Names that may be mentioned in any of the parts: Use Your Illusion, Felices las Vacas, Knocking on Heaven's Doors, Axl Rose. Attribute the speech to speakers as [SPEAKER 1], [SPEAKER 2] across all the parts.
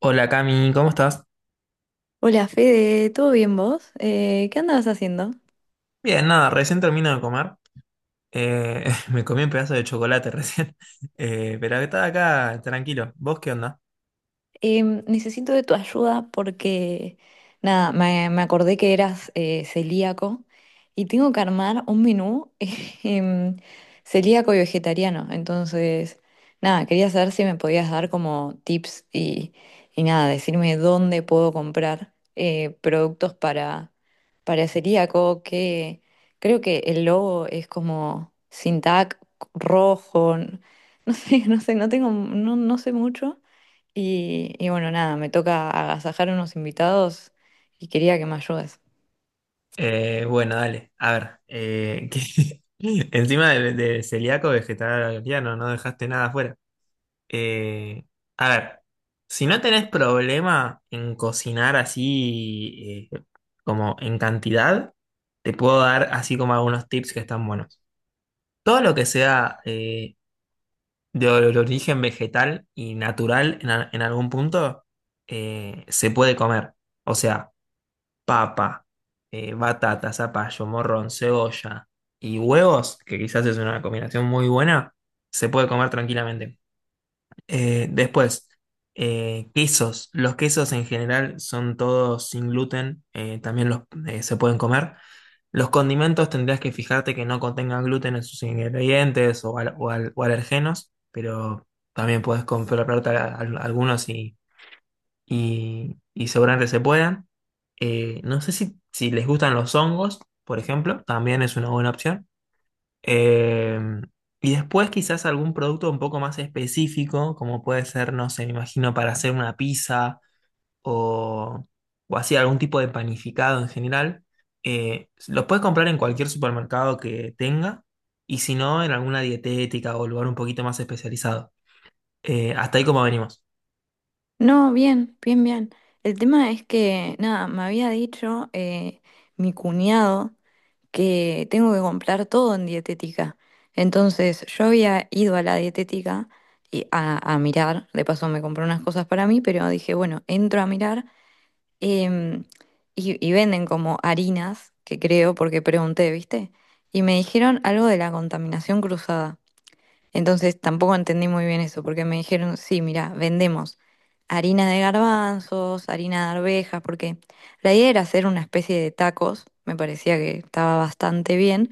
[SPEAKER 1] Hola Cami, ¿cómo estás?
[SPEAKER 2] Hola Fede, ¿todo bien vos? ¿Qué andabas haciendo?
[SPEAKER 1] Bien, nada, recién termino de comer. Eh, me comí un pedazo de chocolate recién. Pero estaba acá tranquilo. ¿Vos qué onda?
[SPEAKER 2] Necesito de tu ayuda porque, nada, me acordé que eras celíaco y tengo que armar un menú em, celíaco y vegetariano. Entonces, nada, quería saber si me podías dar como tips y nada, decirme dónde puedo comprar productos para celíaco, que creo que el logo es como sin tag rojo, no sé, no sé, no tengo, no, no sé mucho. Y bueno, nada, me toca agasajar a unos invitados y quería que me ayudes.
[SPEAKER 1] Bueno, dale, a ver. ¿Qué- Encima de, celíaco, vegetariano, no dejaste nada afuera. Eh, a ver, si no tenés problema en cocinar así como en cantidad, te puedo dar así como algunos tips que están buenos. Todo lo que sea de origen vegetal y natural en, en algún punto se puede comer. O sea, papa, batata, zapallo, morrón, cebolla y huevos, que quizás es una combinación muy buena, se puede comer tranquilamente. Eh, después, quesos. Los quesos en general son todos sin gluten, también los se pueden comer. Los condimentos tendrías que fijarte que no contengan gluten en sus ingredientes o, o alergenos, pero también puedes comprarte algunos y, y seguramente se puedan. No sé si, si les gustan los hongos, por ejemplo, también es una buena opción. Em, y después quizás algún producto un poco más específico, como puede ser, no sé, me imagino para hacer una pizza o, o así algún tipo de panificado en general. Los puedes comprar en cualquier supermercado que tenga y si no, en alguna dietética o lugar un poquito más especializado. Hasta ahí como venimos.
[SPEAKER 2] No, bien, bien, bien. El tema es que, nada, me había dicho mi cuñado que tengo que comprar todo en dietética. Entonces, yo había ido a la dietética y a mirar, de paso me compré unas cosas para mí, pero dije, bueno, entro a mirar, em, y venden como harinas, que creo, porque pregunté, ¿viste? Y me dijeron algo de la contaminación cruzada. Entonces tampoco entendí muy bien eso, porque me dijeron, sí, mira, vendemos harina de garbanzos, harina de arvejas, porque la idea era hacer una especie de tacos, me parecía que estaba bastante bien,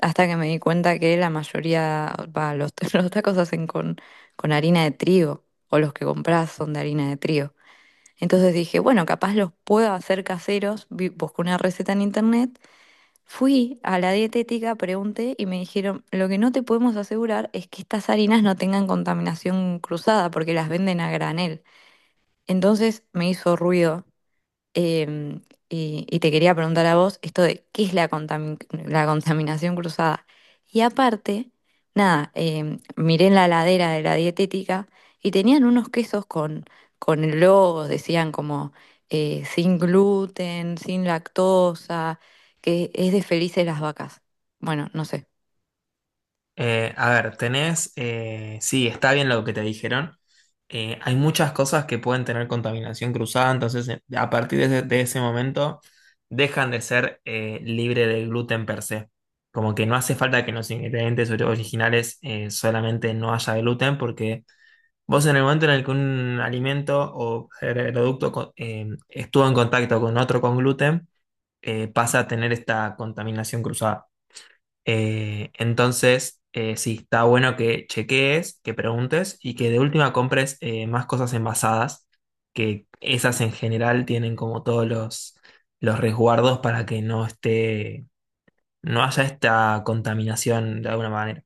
[SPEAKER 2] hasta que me di cuenta que la mayoría, va, los, los tacos se hacen con harina de trigo, o los que compras son de harina de trigo. Entonces dije, bueno, capaz los puedo hacer caseros, busqué una receta en internet. Fui a la dietética, pregunté y me dijeron, lo que no te podemos asegurar es que estas harinas no tengan contaminación cruzada porque las venden a granel. Entonces me hizo ruido. Em, y te quería preguntar a vos esto de qué es la la contaminación cruzada. Y aparte, nada, miré en la ladera de la dietética y tenían unos quesos con el logo, decían como sin gluten, sin lactosa, que es de Felices las Vacas. Bueno, no sé.
[SPEAKER 1] Sí, está bien lo que te dijeron. Hay muchas cosas que pueden tener contaminación cruzada, entonces a partir de ese, momento dejan de ser libre de gluten per se. Como que no hace falta que en los ingredientes originales solamente no haya gluten, porque vos en el momento en el que un alimento o producto estuvo en contacto con otro con gluten, pasa a tener esta contaminación cruzada. Sí, está bueno que chequees, que preguntes y que de última compres más cosas envasadas, que esas en general tienen como todos los resguardos para que no esté, no haya esta contaminación de alguna manera.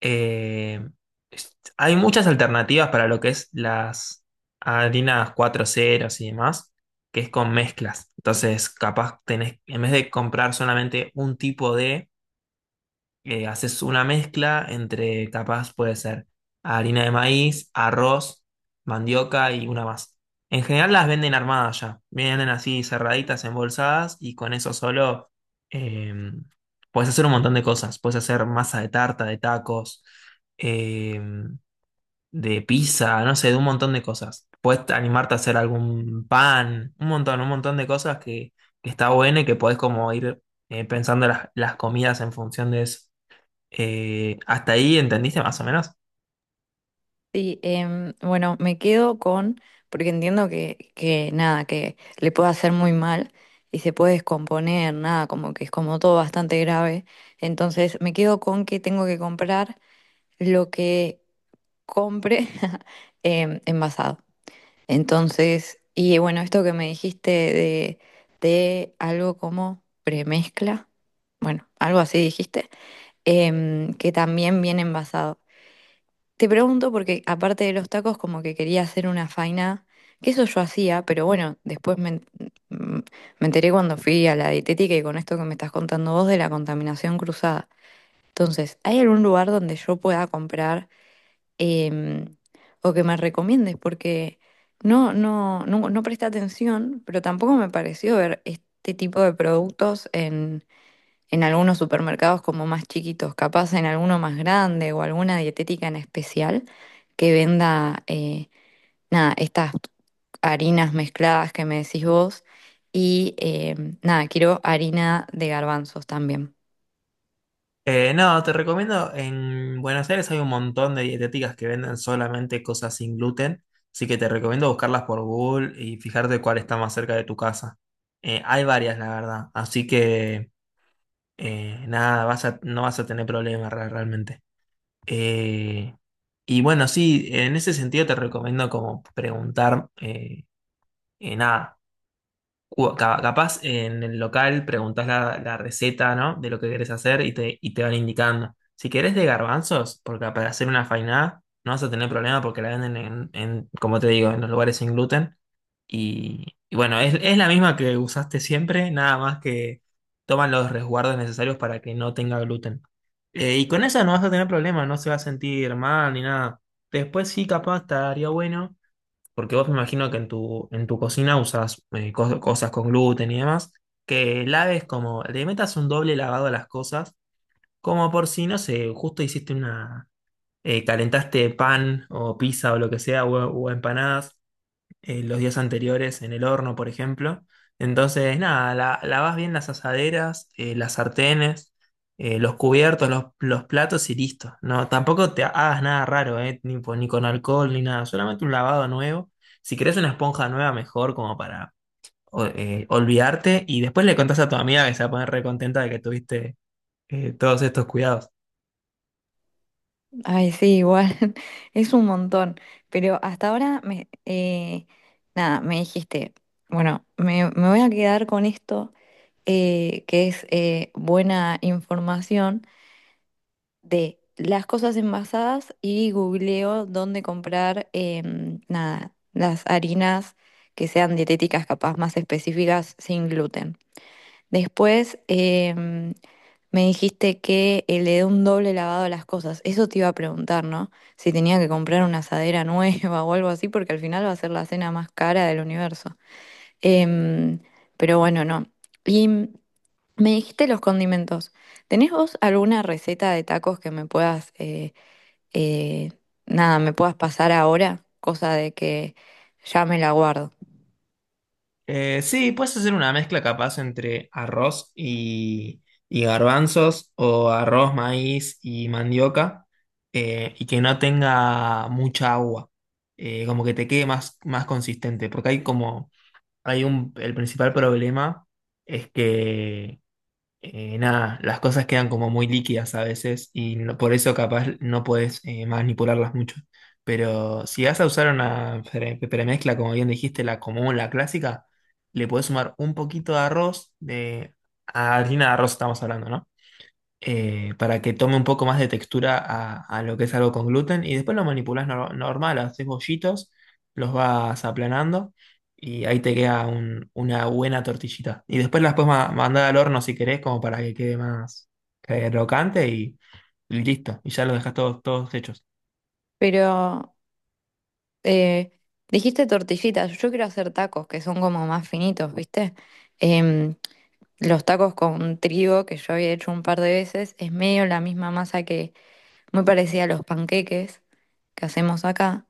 [SPEAKER 1] Eh, Hay muchas alternativas para lo que es las harinas cuatro ceros y demás, que es con mezclas. Entonces, capaz tenés, en vez de comprar solamente un tipo de haces una mezcla entre, capaz puede ser harina de maíz, arroz, mandioca y una más. En general las venden armadas ya, vienen así cerraditas, embolsadas y con eso solo eh, puedes hacer un montón de cosas. Puedes hacer masa de tarta, de tacos, eh, de pizza, no sé, de un montón de cosas. Puedes animarte a hacer algún pan, un montón de cosas que está bueno y que podés como ir pensando las comidas en función de eso. ¿Hasta ahí entendiste más o menos?
[SPEAKER 2] Sí, bueno, me quedo con, porque entiendo que nada, que le puede hacer muy mal y se puede descomponer, nada, como que es como todo bastante grave. Entonces me quedo con que tengo que comprar lo que compre envasado. Entonces, y bueno, esto que me dijiste de algo como premezcla, bueno, algo así dijiste, que también viene envasado. Te pregunto porque aparte de los tacos como que quería hacer una faina, que eso yo hacía, pero bueno, después mm, me enteré cuando fui a la dietética y con esto que me estás contando vos de la contaminación cruzada. Entonces, ¿hay algún lugar donde yo pueda comprar, em, o que me recomiendes? Porque no, no, no, no presté atención, pero tampoco me pareció ver este tipo de productos en algunos supermercados como más chiquitos, capaz en alguno más grande o alguna dietética en especial que venda, nada, estas harinas mezcladas que me decís vos. Y nada, quiero harina de garbanzos también.
[SPEAKER 1] No, te recomiendo, en Buenos Aires hay un montón de dietéticas que venden solamente cosas sin gluten, así que te recomiendo buscarlas por Google y fijarte cuál está más cerca de tu casa. Hay varias, la verdad, así que nada, no vas a tener problemas realmente. Eh, y bueno, sí, en ese sentido te recomiendo como preguntar, nada, capaz en el local preguntás la, la receta, ¿no? De lo que querés hacer y te van indicando. Si querés de garbanzos, porque para hacer una fainá no vas a tener problema porque la venden en, como te digo, en los lugares sin gluten. Y bueno, es la misma que usaste siempre, nada más que toman los resguardos necesarios para que no tenga gluten. Y con eso no vas a tener problema, no se va a sentir mal ni nada. Después sí, capaz estaría bueno porque vos me imagino que en tu cocina usas cosas con gluten y demás, que laves como, le metas un doble lavado a las cosas, como por si, no sé, justo hiciste una, calentaste pan o pizza o lo que sea, o empanadas, los días anteriores en el horno, por ejemplo. Entonces, nada, lavas bien las asaderas, las sartenes, los cubiertos, los platos y listo. No, tampoco te hagas nada raro, ni, ni con alcohol ni nada, solamente un lavado nuevo. Si querés una esponja nueva, mejor como para olvidarte y después le contás a tu amiga que se va a poner recontenta de que tuviste todos estos cuidados.
[SPEAKER 2] Ay, sí, igual, es un montón. Pero hasta ahora, me, nada, me dijiste, bueno, me voy a quedar con esto, que es buena información. De las cosas envasadas y googleo dónde comprar, nada, las harinas que sean dietéticas, capaz más específicas, sin gluten. Después me dijiste que le dé un doble lavado a las cosas. Eso te iba a preguntar, ¿no? Si tenía que comprar una asadera nueva o algo así, porque al final va a ser la cena más cara del universo. Em, pero bueno, no. Y me dijiste los condimentos. ¿Tenés vos alguna receta de tacos que me puedas, eh, nada, me puedas pasar ahora? Cosa de que ya me la guardo.
[SPEAKER 1] Sí, puedes hacer una mezcla capaz entre arroz y garbanzos o arroz, maíz y mandioca y que no tenga mucha agua. Como que te quede más, más consistente, porque hay como, hay un, el principal problema es que nada, las cosas quedan como muy líquidas a veces y por eso capaz no puedes manipularlas mucho. Pero si vas a usar una premezcla, como bien dijiste, la común, la clásica, le puedes sumar un poquito de arroz, de harina de arroz estamos hablando, ¿no? Para que tome un poco más de textura a lo que es algo con gluten. Y después lo manipulas normal, haces bollitos, los vas aplanando y ahí te queda una buena tortillita. Y después las puedes mandar al horno si querés, como para que quede más crocante y listo. Y ya lo dejas todos, todos hechos.
[SPEAKER 2] Pero eh, dijiste tortillitas. Yo quiero hacer tacos que son como más finitos, ¿viste? Em, los tacos con trigo, que yo había hecho un par de veces, es medio la misma masa que, muy parecida a los panqueques que hacemos acá.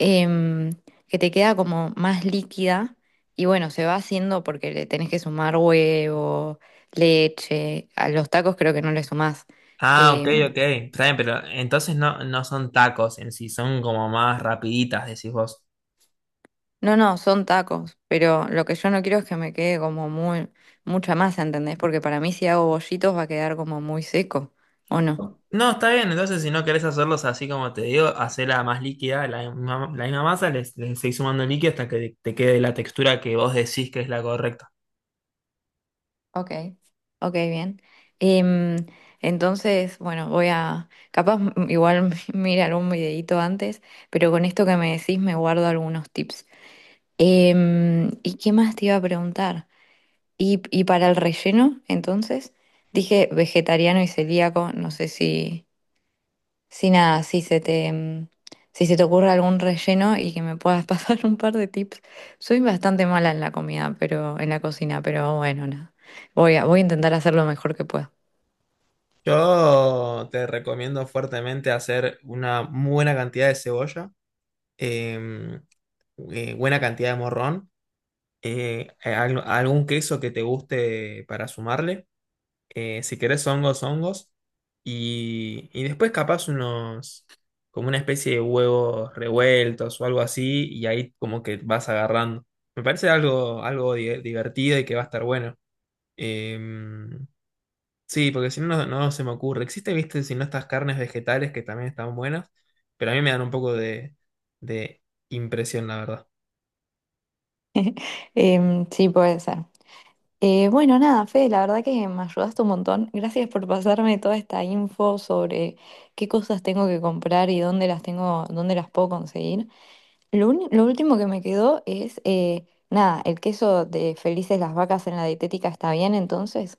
[SPEAKER 2] em, que te queda como más líquida y bueno, se va haciendo porque le tenés que sumar huevo, leche, a los tacos creo que no le sumás.
[SPEAKER 1] Ah, ok,
[SPEAKER 2] em,
[SPEAKER 1] ok. Está bien, pero entonces no, no son tacos en sí, son como más rapiditas, decís vos.
[SPEAKER 2] no, no, son tacos, pero lo que yo no quiero es que me quede como muy, mucha masa, ¿entendés? Porque para mí si hago bollitos va a quedar como muy seco, ¿o no?
[SPEAKER 1] No, está bien, entonces si no querés hacerlos así como te digo, hacela más líquida, la misma masa, les seguís sumando líquido hasta que te quede la textura que vos decís que es la correcta.
[SPEAKER 2] Ok, ok, bien. Em, entonces, bueno, voy a, capaz igual mira algún videito antes, pero con esto que me decís me guardo algunos tips. ¿Y qué más te iba a preguntar? Y para el relleno, entonces? Dije vegetariano y celíaco, no sé si, si nada, si se te, si se te ocurre algún relleno y que me puedas pasar un par de tips. Soy bastante mala en la comida, pero en la cocina, pero bueno, nada. Voy a, voy a intentar hacer lo mejor que pueda.
[SPEAKER 1] Yo te recomiendo fuertemente hacer una muy buena cantidad de cebolla, em, buena cantidad de morrón, algún queso que te guste para sumarle. Si querés hongos, hongos, y después capaz unos, como una especie de huevos revueltos o algo así, y ahí como que vas agarrando. Me parece algo, algo divertido y que va a estar bueno. Em, sí, porque si no, no se me ocurre. Existe, viste, si no, estas carnes vegetales que también están buenas, pero a mí me dan un poco de impresión, la verdad.
[SPEAKER 2] Sí, puede ser. Bueno, nada, Fede, la verdad que me ayudaste un montón. Gracias por pasarme toda esta info sobre qué cosas tengo que comprar y dónde las tengo, dónde las puedo conseguir. Lo, lo último que me quedó es, nada, el queso de Felices las Vacas en la dietética está bien, entonces.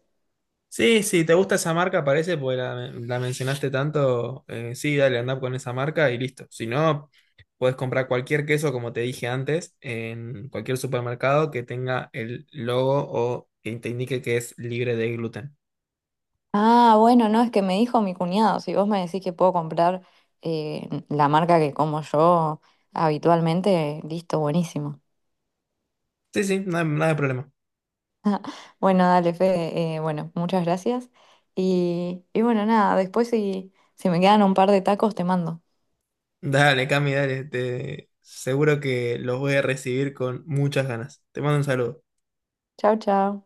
[SPEAKER 1] Sí, sí, te gusta esa marca, parece, porque la mencionaste tanto. Sí, dale, andá con esa marca y listo. Si no, puedes comprar cualquier queso, como te dije antes, en cualquier supermercado que tenga el logo o que te indique que es libre de gluten.
[SPEAKER 2] Ah, bueno, no, es que me dijo mi cuñado, si vos me decís que puedo comprar la marca que como yo habitualmente, listo, buenísimo.
[SPEAKER 1] Sí, sí, nada, nada de problema.
[SPEAKER 2] Bueno, dale, Fede. Bueno, muchas gracias. Y bueno, nada, después si, si me quedan un par de tacos, te mando.
[SPEAKER 1] Dale, Cami, dale. Te, seguro que los voy a recibir con muchas ganas. Te mando un saludo.
[SPEAKER 2] Chao, chao.